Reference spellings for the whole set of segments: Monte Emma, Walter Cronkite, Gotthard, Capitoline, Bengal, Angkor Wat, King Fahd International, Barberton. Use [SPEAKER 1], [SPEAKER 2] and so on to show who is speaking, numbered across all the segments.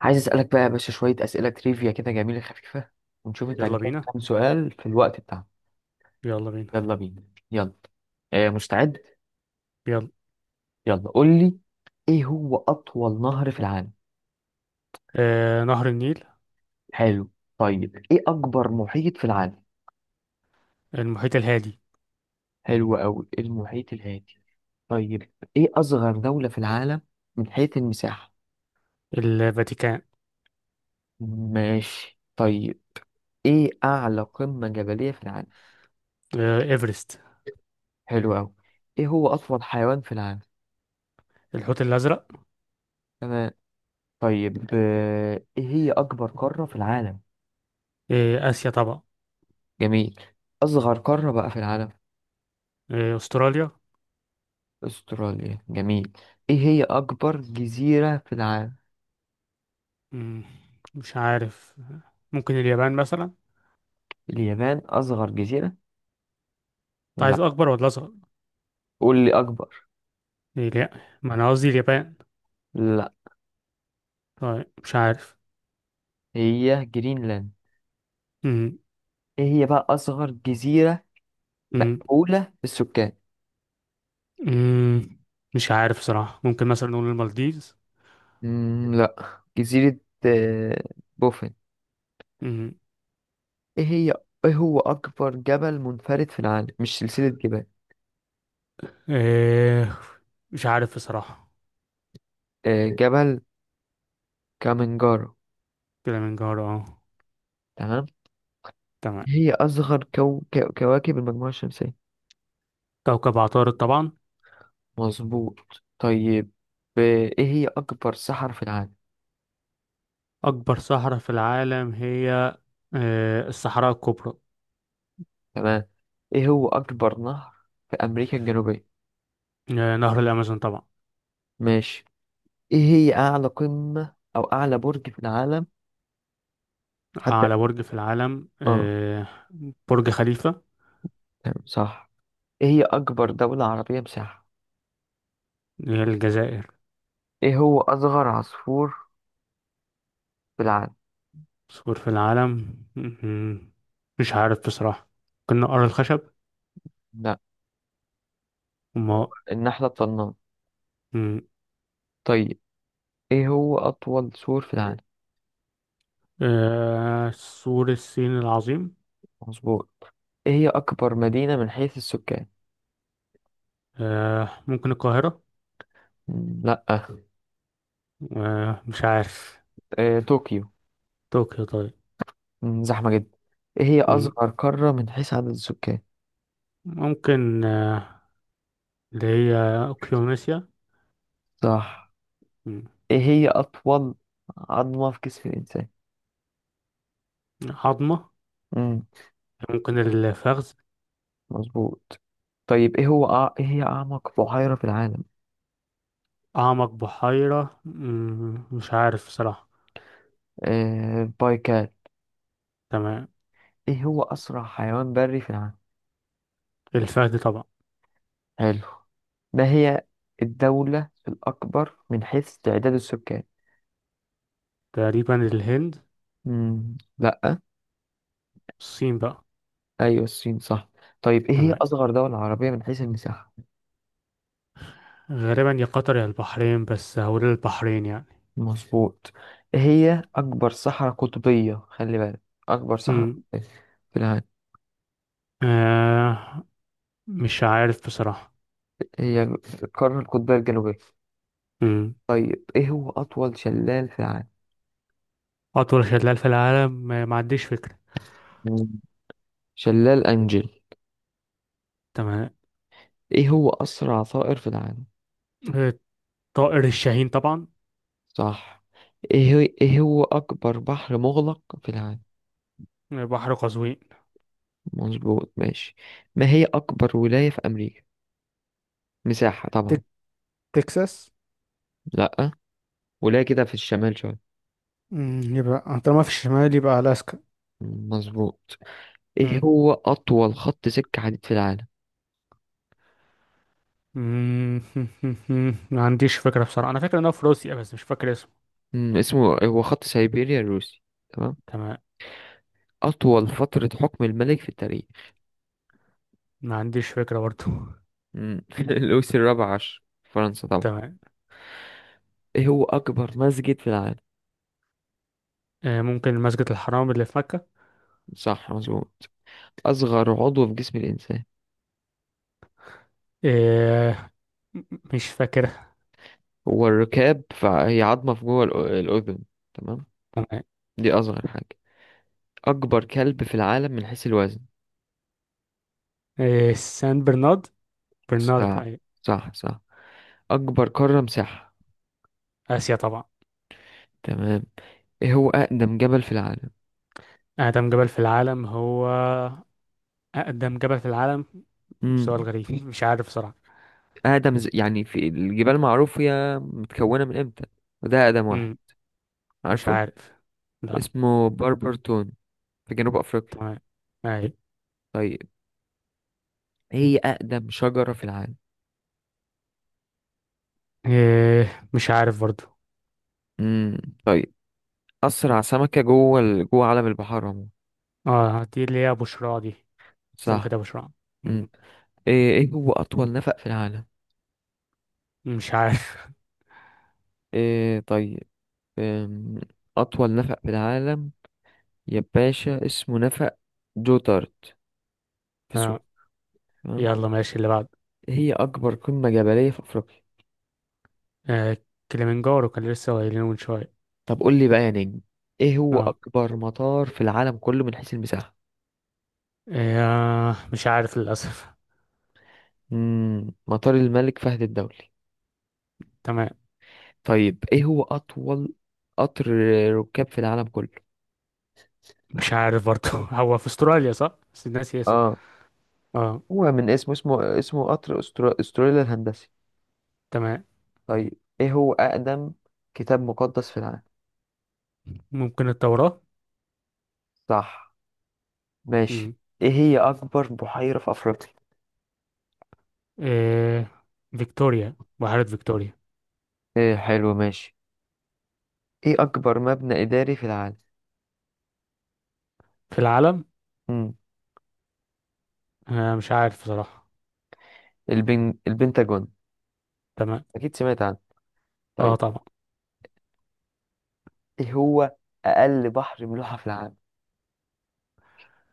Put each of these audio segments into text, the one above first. [SPEAKER 1] عايز اسالك بقى يا باشا شويه اسئله تريفيا كده جميله خفيفه، ونشوف انت
[SPEAKER 2] يلا
[SPEAKER 1] هتجاوب
[SPEAKER 2] بينا.
[SPEAKER 1] كام سؤال في الوقت بتاعنا.
[SPEAKER 2] يلا بينا.
[SPEAKER 1] يلا بينا. يلا. مستعد.
[SPEAKER 2] يلا.
[SPEAKER 1] يلا قول لي، ايه هو اطول نهر في العالم؟
[SPEAKER 2] نهر النيل.
[SPEAKER 1] حلو. طيب، ايه اكبر محيط في العالم؟
[SPEAKER 2] المحيط الهادي.
[SPEAKER 1] حلو قوي، المحيط الهادي. طيب، ايه اصغر دوله في العالم من حيث المساحه؟
[SPEAKER 2] الفاتيكان.
[SPEAKER 1] ماشي. طيب، ايه اعلى قمه جبليه في العالم؟
[SPEAKER 2] إيفرست.
[SPEAKER 1] حلو قوي. ايه هو اطول حيوان في العالم؟
[SPEAKER 2] الحوت الأزرق.
[SPEAKER 1] تمام. طيب، ايه هي اكبر قارة في العالم؟
[SPEAKER 2] آسيا طبعا.
[SPEAKER 1] جميل. اصغر قارة بقى في العالم؟
[SPEAKER 2] أستراليا.
[SPEAKER 1] استراليا، جميل. ايه هي اكبر جزيرة في العالم؟
[SPEAKER 2] مم، مش عارف، ممكن اليابان مثلا. انت
[SPEAKER 1] اليابان اصغر جزيرة. لا،
[SPEAKER 2] عايز أكبر ولا أصغر؟
[SPEAKER 1] قول لي اكبر.
[SPEAKER 2] إيه، لا، ما أنا قصدي اليابان.
[SPEAKER 1] لا،
[SPEAKER 2] طيب، مش عارف.
[SPEAKER 1] هي جرينلاند.
[SPEAKER 2] مم.
[SPEAKER 1] ايه هي بقى اصغر جزيرة
[SPEAKER 2] مم.
[SPEAKER 1] مأهولة بالسكان؟
[SPEAKER 2] مم. مش عارف بصراحة، ممكن مثلا نقول المالديفز.
[SPEAKER 1] لا. جزيرة آه، بوفن.
[SPEAKER 2] مم.
[SPEAKER 1] ايه هي ايه هو اكبر جبل منفرد في العالم، مش سلسلة جبال؟
[SPEAKER 2] آه مش عارف بصراحة.
[SPEAKER 1] جبل كامنجارو.
[SPEAKER 2] كده من جوه، اه.
[SPEAKER 1] تمام.
[SPEAKER 2] تمام.
[SPEAKER 1] هي أصغر كواكب المجموعة الشمسية؟
[SPEAKER 2] كوكب عطارد طبعا.
[SPEAKER 1] مظبوط. طيب، آه، إيه هي أكبر صحراء في العالم؟
[SPEAKER 2] أكبر صحراء في العالم هي الصحراء الكبرى.
[SPEAKER 1] تمام. إيه هو أكبر نهر في أمريكا الجنوبية؟
[SPEAKER 2] نهر الأمازون طبعا.
[SPEAKER 1] ماشي. إيه هي أعلى قمة أو أعلى برج في العالم حتى؟
[SPEAKER 2] أعلى برج في العالم،
[SPEAKER 1] آه،
[SPEAKER 2] برج خليفة.
[SPEAKER 1] تمام، صح. إيه هي أكبر دولة عربية مساحة؟
[SPEAKER 2] اللي هي الجزائر.
[SPEAKER 1] إيه هو أصغر عصفور في العالم؟
[SPEAKER 2] سور في العالم. م- مش عارف بصراحة. ممكن نقر الخشب
[SPEAKER 1] لا،
[SPEAKER 2] وما
[SPEAKER 1] النحلة الطنان.
[SPEAKER 2] م-
[SPEAKER 1] طيب، إيه هو أطول سور في العالم؟
[SPEAKER 2] سور الصين العظيم.
[SPEAKER 1] مظبوط. إيه هي أكبر مدينة من حيث السكان؟
[SPEAKER 2] ممكن القاهرة.
[SPEAKER 1] لا.
[SPEAKER 2] مش عارف.
[SPEAKER 1] طوكيو.
[SPEAKER 2] طوكيو، طيب.
[SPEAKER 1] مم، زحمة جدا. ايه هي
[SPEAKER 2] م-
[SPEAKER 1] أصغر قارة من حيث عدد السكان؟
[SPEAKER 2] ممكن اللي هي أوكيونيسيا.
[SPEAKER 1] صح.
[SPEAKER 2] م-
[SPEAKER 1] ايه هي أطول عظمة في جسم الإنسان؟
[SPEAKER 2] عظمة.
[SPEAKER 1] مم.
[SPEAKER 2] ممكن الفخذ.
[SPEAKER 1] مظبوط. طيب، ايه هي أعمق بحيرة في العالم؟
[SPEAKER 2] أعمق بحيرة، مش عارف صراحة.
[SPEAKER 1] بايكال.
[SPEAKER 2] تمام.
[SPEAKER 1] ايه هو أسرع حيوان بري في العالم؟
[SPEAKER 2] الفهد طبعا.
[SPEAKER 1] حلو. ما هي الدولة الأكبر من حيث تعداد السكان؟
[SPEAKER 2] تقريبا الهند.
[SPEAKER 1] مم. لأ.
[SPEAKER 2] الصين بقى.
[SPEAKER 1] أيوة الصين، صح. طيب، ايه هي
[SPEAKER 2] تمام،
[SPEAKER 1] أصغر دولة عربية من حيث المساحة؟
[SPEAKER 2] غالبا يا قطر يا البحرين، بس هقول البحرين يعني.
[SPEAKER 1] مظبوط. هي أكبر صحراء قطبية، خلي بالك. أكبر صحراء
[SPEAKER 2] مم.
[SPEAKER 1] قطبية في العالم،
[SPEAKER 2] آه مش عارف بصراحة.
[SPEAKER 1] هي القارة القطبية الجنوبية.
[SPEAKER 2] مم.
[SPEAKER 1] طيب، إيه هو أطول شلال في العالم؟
[SPEAKER 2] أطول شلال في العالم، ما عنديش فكرة.
[SPEAKER 1] مم. شلال أنجل.
[SPEAKER 2] تمام.
[SPEAKER 1] إيه هو أسرع طائر في العالم؟
[SPEAKER 2] آه، طائر الشاهين طبعا.
[SPEAKER 1] صح. إيه هو أكبر بحر مغلق في العالم؟
[SPEAKER 2] بحر قزوين.
[SPEAKER 1] مظبوط، ماشي. ما هي أكبر ولاية في أمريكا، مساحة طبعا؟
[SPEAKER 2] تك... تكساس.
[SPEAKER 1] لأ، ولاية كده في الشمال شوية.
[SPEAKER 2] يبقى طالما في الشمال يبقى ألاسكا.
[SPEAKER 1] مظبوط. إيه
[SPEAKER 2] مم.
[SPEAKER 1] هو أطول خط سكة حديد في العالم؟
[SPEAKER 2] مم. ما عنديش فكرة بصراحة. أنا فاكر إنه في روسيا، بس مش فاكر.
[SPEAKER 1] اسمه هو خط سيبيريا الروسي. تمام.
[SPEAKER 2] تمام.
[SPEAKER 1] أطول فترة حكم الملك في التاريخ.
[SPEAKER 2] ما عنديش فكرة برضو.
[SPEAKER 1] لويس الرابع عشر، فرنسا طبعا.
[SPEAKER 2] تمام.
[SPEAKER 1] إيه هو أكبر مسجد في العالم؟
[SPEAKER 2] ممكن مسجد الحرام اللي في مكة.
[SPEAKER 1] صح، مظبوط. أصغر عضو في جسم الإنسان،
[SPEAKER 2] آه، م- مش فاكرها.
[SPEAKER 1] هو الركاب، فهي عظمة في جوه الأذن. تمام.
[SPEAKER 2] تمام.
[SPEAKER 1] دي أصغر حاجة. أكبر كلب في العالم من حيث الوزن؟
[SPEAKER 2] آه، سان برنارد. برنارد،
[SPEAKER 1] صح
[SPEAKER 2] أيوة.
[SPEAKER 1] صح صح. أكبر قارة مساحة؟
[SPEAKER 2] آسيا طبعا.
[SPEAKER 1] تمام. إيه هو أقدم جبل في العالم؟
[SPEAKER 2] أقدم جبل في العالم هو أقدم جبل في العالم. سؤال غريب. مش عارف بصراحة.
[SPEAKER 1] يعني في الجبال معروف هي متكونة من إمتى، وده أقدم واحد،
[SPEAKER 2] مم، مش
[SPEAKER 1] عارفه؟
[SPEAKER 2] عارف. لا.
[SPEAKER 1] اسمه باربرتون، في جنوب أفريقيا.
[SPEAKER 2] تمام. أيوة.
[SPEAKER 1] طيب، هي أقدم شجرة في العالم؟
[SPEAKER 2] آه، مش عارف برضو.
[SPEAKER 1] امم طيب. أسرع سمكة جوه عالم البحار عموما؟
[SPEAKER 2] اه، دي اللي هي بشرى دي.
[SPEAKER 1] صح.
[SPEAKER 2] سمكة أبو شراع. مم،
[SPEAKER 1] امم إيه هو أطول نفق في العالم؟
[SPEAKER 2] مش عارف.
[SPEAKER 1] إيه طيب. أم، أطول نفق في العالم يا باشا، اسمه نفق جوتارد، في
[SPEAKER 2] آه.
[SPEAKER 1] سويسرا، تمام؟
[SPEAKER 2] يلا ماشي، اللي بعده.
[SPEAKER 1] هي أكبر قمة جبلية في أفريقيا؟
[SPEAKER 2] آه كليمنجارو، كان لسه قايلينه من شوية.
[SPEAKER 1] طب قول لي بقى يا نجم، ايه هو
[SPEAKER 2] اه.
[SPEAKER 1] اكبر مطار في العالم كله من حيث المساحة؟
[SPEAKER 2] مش عارف للأسف.
[SPEAKER 1] مطار الملك فهد الدولي.
[SPEAKER 2] تمام.
[SPEAKER 1] طيب، ايه هو اطول قطر ركاب في العالم كله؟
[SPEAKER 2] مش عارف برضه. هو في استراليا صح؟ بس الناس اسمه.
[SPEAKER 1] اه،
[SPEAKER 2] اه.
[SPEAKER 1] هو من اسمه، اسمه قطر استراليا الهندسي.
[SPEAKER 2] تمام.
[SPEAKER 1] طيب، ايه هو اقدم كتاب مقدس في العالم؟
[SPEAKER 2] ممكن التوراة.
[SPEAKER 1] صح، ماشي.
[SPEAKER 2] مم.
[SPEAKER 1] ايه هي اكبر بحيرة في افريقيا؟
[SPEAKER 2] آه فيكتوريا، بحيرة فيكتوريا.
[SPEAKER 1] ايه، حلو، ماشي. ايه اكبر مبنى اداري في العالم؟
[SPEAKER 2] في العالم.
[SPEAKER 1] امم
[SPEAKER 2] مش عارف بصراحة.
[SPEAKER 1] البنتاجون.
[SPEAKER 2] تمام.
[SPEAKER 1] اكيد سمعت عنه.
[SPEAKER 2] اه،
[SPEAKER 1] طيب،
[SPEAKER 2] طبعا.
[SPEAKER 1] ايه هو اقل بحر ملوحة في العالم؟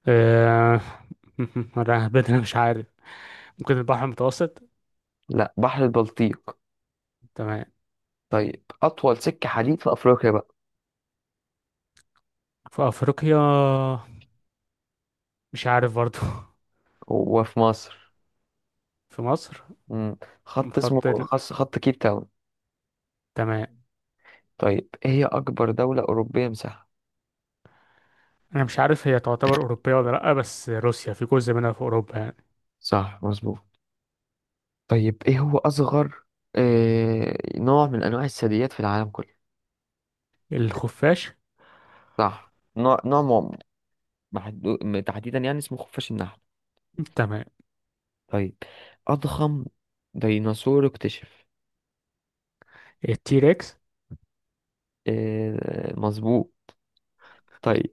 [SPEAKER 2] آه أنا بدنا مش عارف. ممكن البحر المتوسط.
[SPEAKER 1] لا، بحر البلطيق.
[SPEAKER 2] تمام.
[SPEAKER 1] طيب، اطول سكة حديد في افريقيا بقى،
[SPEAKER 2] في أفريقيا. مش عارف برضه.
[SPEAKER 1] وفي مصر.
[SPEAKER 2] في مصر.
[SPEAKER 1] مم. خط اسمه
[SPEAKER 2] خط ال-
[SPEAKER 1] خط كيب تاون.
[SPEAKER 2] تمام.
[SPEAKER 1] طيب، ايه هي اكبر دولة اوروبية مساحة؟
[SPEAKER 2] انا مش عارف هي تعتبر اوروبيه ولا لا، بس روسيا في جزء منها في اوروبا يعني.
[SPEAKER 1] صح، مظبوط. طيب، ايه هو اصغر نوع من انواع الثدييات في العالم كله؟
[SPEAKER 2] الخفاش.
[SPEAKER 1] صح. نوع نوع م- محدو... م- تحديدا يعني، اسمه خفاش النحل.
[SPEAKER 2] تمام.
[SPEAKER 1] طيب، اضخم ديناصور اكتشف؟
[SPEAKER 2] التيركس.
[SPEAKER 1] مظبوط. طيب،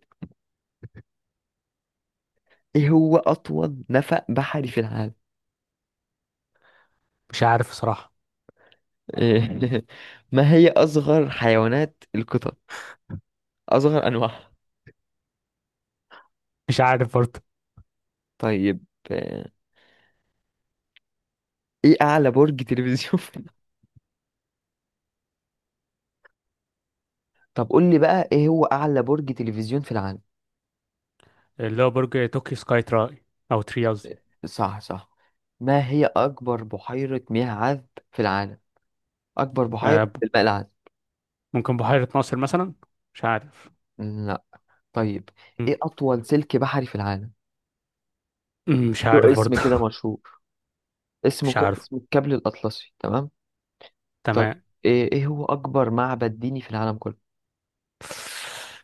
[SPEAKER 1] ايه هو اطول نفق بحري في العالم؟
[SPEAKER 2] مش عارف صراحه.
[SPEAKER 1] إيه ما هي اصغر حيوانات القطط، اصغر انواعها؟
[SPEAKER 2] مش عارف برضه.
[SPEAKER 1] طيب، آه، ايه اعلى برج تلفزيون في العالم؟ طب قول لي بقى، ايه هو اعلى برج تلفزيون في العالم؟
[SPEAKER 2] اللي هو برج توكي سكاي تراي، او تري قصدي.
[SPEAKER 1] صح، صح. ما هي اكبر بحيرة مياه عذب في العالم، اكبر بحيرة
[SPEAKER 2] آه، ب-
[SPEAKER 1] في الماء العذب؟
[SPEAKER 2] ممكن بحيره ناصر مثلا. مش عارف.
[SPEAKER 1] لا. طيب،
[SPEAKER 2] م-
[SPEAKER 1] ايه اطول سلك بحري في العالم؟
[SPEAKER 2] مش
[SPEAKER 1] له
[SPEAKER 2] عارف
[SPEAKER 1] اسم
[SPEAKER 2] برضه.
[SPEAKER 1] كده مشهور، اسمه
[SPEAKER 2] مش عارف.
[SPEAKER 1] الكابل الاطلسي، تمام. طيب،
[SPEAKER 2] تمام.
[SPEAKER 1] إيه هو اكبر معبد ديني في العالم كله؟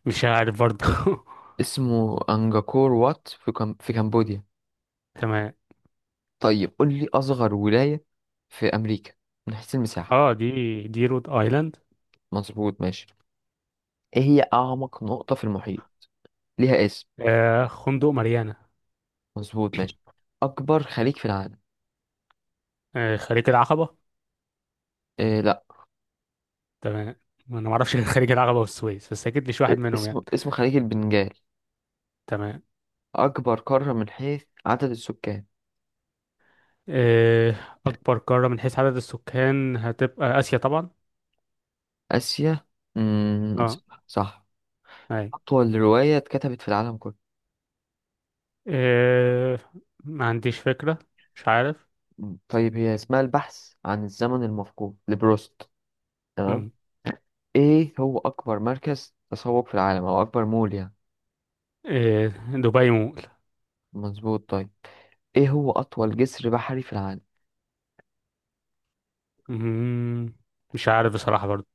[SPEAKER 2] مش عارف برضه.
[SPEAKER 1] اسمه أنجاكور وات، في كمبوديا.
[SPEAKER 2] تمام.
[SPEAKER 1] طيب، قول لي أصغر ولاية في أمريكا من حيث المساحة؟
[SPEAKER 2] اه، دي رود ايلاند.
[SPEAKER 1] مظبوط، ماشي. إيه هي أعمق نقطة في المحيط، ليها اسم؟
[SPEAKER 2] خندق ماريانا.
[SPEAKER 1] مظبوط، ماشي. أكبر خليج في العالم؟
[SPEAKER 2] خليج العقبه.
[SPEAKER 1] إيه، لا.
[SPEAKER 2] تمام. انا ما اعرفش غير خليج العقبه والسويس، بس اكيد مش واحد
[SPEAKER 1] إيه،
[SPEAKER 2] منهم يعني.
[SPEAKER 1] اسمه خليج البنجال.
[SPEAKER 2] تمام.
[SPEAKER 1] أكبر قارة من حيث عدد السكان؟
[SPEAKER 2] آه، أكبر قارة من حيث عدد السكان هتبقى آسيا طبعا.
[SPEAKER 1] آسيا. مم...
[SPEAKER 2] اه.
[SPEAKER 1] صح.
[SPEAKER 2] أي.
[SPEAKER 1] أطول رواية اتكتبت في العالم كله؟
[SPEAKER 2] آه، ما عنديش فكرة. مش عارف.
[SPEAKER 1] طيب. هي اسمها البحث عن الزمن المفقود لبروست، تمام.
[SPEAKER 2] مم.
[SPEAKER 1] ايه هو اكبر مركز تسوق في العالم، او اكبر مول يعني؟
[SPEAKER 2] آه، دبي مول.
[SPEAKER 1] مظبوط. طيب، ايه هو اطول جسر بحري في العالم؟
[SPEAKER 2] مم، مش عارف بصراحة برضو.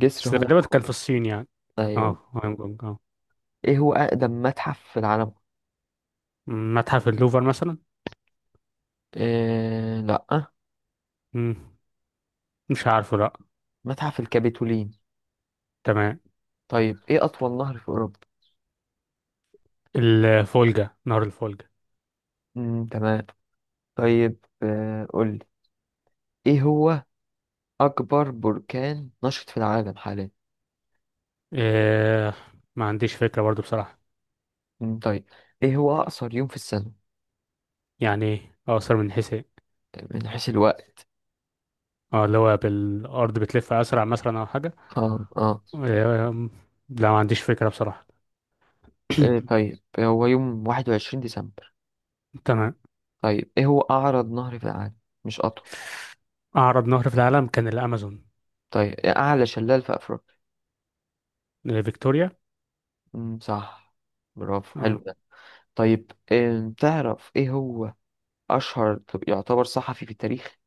[SPEAKER 1] جسر
[SPEAKER 2] بس
[SPEAKER 1] هونج
[SPEAKER 2] غالبا
[SPEAKER 1] كونج.
[SPEAKER 2] كان في الصين يعني. اه،
[SPEAKER 1] ايوه.
[SPEAKER 2] هونج كونج. اه.
[SPEAKER 1] ايه هو اقدم متحف في العالم؟
[SPEAKER 2] متحف اللوفر مثلا.
[SPEAKER 1] إيه، لا.
[SPEAKER 2] مم، مش عارفه، لأ.
[SPEAKER 1] متحف الكابيتولين.
[SPEAKER 2] تمام.
[SPEAKER 1] طيب، ايه اطول نهر في اوروبا؟
[SPEAKER 2] الفولجا، نهر الفولجا.
[SPEAKER 1] تمام. طيب، قول لي، ايه هو اكبر بركان نشط في العالم حاليا؟
[SPEAKER 2] آه، ما عنديش فكرة برضو بصراحة.
[SPEAKER 1] طيب. ايه هو اقصر يوم في السنة
[SPEAKER 2] يعني إيه أقصر، من حيث ايه؟
[SPEAKER 1] من حيث الوقت؟
[SPEAKER 2] اه، اللي هو بالأرض بتلف أسرع مثلا أو حاجة.
[SPEAKER 1] اه، اه،
[SPEAKER 2] آه، لا، ما عنديش فكرة بصراحة.
[SPEAKER 1] إيه طيب. هو يوم 21 ديسمبر.
[SPEAKER 2] تمام.
[SPEAKER 1] طيب، ايه هو اعرض نهر في العالم، مش اطول؟
[SPEAKER 2] أعرض نهر في العالم كان الأمازون.
[SPEAKER 1] طيب، إيه اعلى شلال في افريقيا؟
[SPEAKER 2] فيكتوريا.
[SPEAKER 1] صح، برافو، حلو
[SPEAKER 2] اه.
[SPEAKER 1] ده. طيب، إيه تعرف، ايه هو اشهر طب يعتبر صحفي في التاريخ؟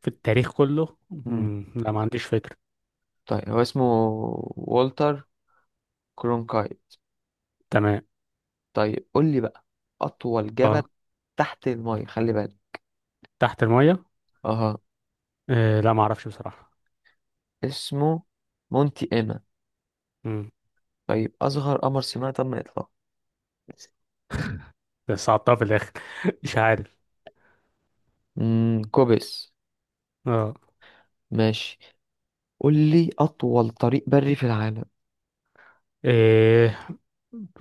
[SPEAKER 2] في التاريخ كله،
[SPEAKER 1] امم
[SPEAKER 2] لا، ما عنديش فكرة.
[SPEAKER 1] طيب. هو اسمه والتر كرونكايت.
[SPEAKER 2] تمام.
[SPEAKER 1] طيب، قول لي بقى، اطول جبل
[SPEAKER 2] اه،
[SPEAKER 1] تحت المية، خلي بالك.
[SPEAKER 2] تحت المية.
[SPEAKER 1] اها.
[SPEAKER 2] لا، ما أعرفش بصراحة.
[SPEAKER 1] اسمه مونتي ايما.
[SPEAKER 2] مم.
[SPEAKER 1] طيب، اصغر قمر صناعي تم اطلاقه؟
[SPEAKER 2] بس صعبتها في الآخر. مش عارف.
[SPEAKER 1] كوبس.
[SPEAKER 2] اه.
[SPEAKER 1] ماشي. قول لي اطول طريق بري في العالم؟
[SPEAKER 2] إيه،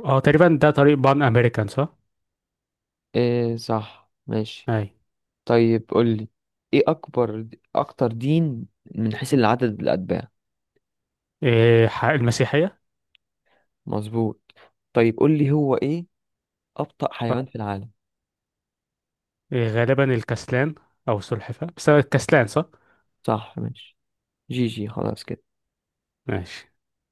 [SPEAKER 2] اه، تقريبا ده طريق بان أمريكان، صح؟
[SPEAKER 1] إيه، صح، ماشي.
[SPEAKER 2] أي.
[SPEAKER 1] طيب، قولي ايه اكبر، اكتر دين من حيث العدد الاتباع؟
[SPEAKER 2] إيه، المسيحية.
[SPEAKER 1] مظبوط. طيب، قولي هو ايه ابطأ
[SPEAKER 2] صح؟
[SPEAKER 1] حيوان في العالم؟
[SPEAKER 2] إيه، غالبا الكسلان أو السلحفاة، بس هو الكسلان صح؟
[SPEAKER 1] صح، ماشي. جي جي، خلاص كده.
[SPEAKER 2] ماشي.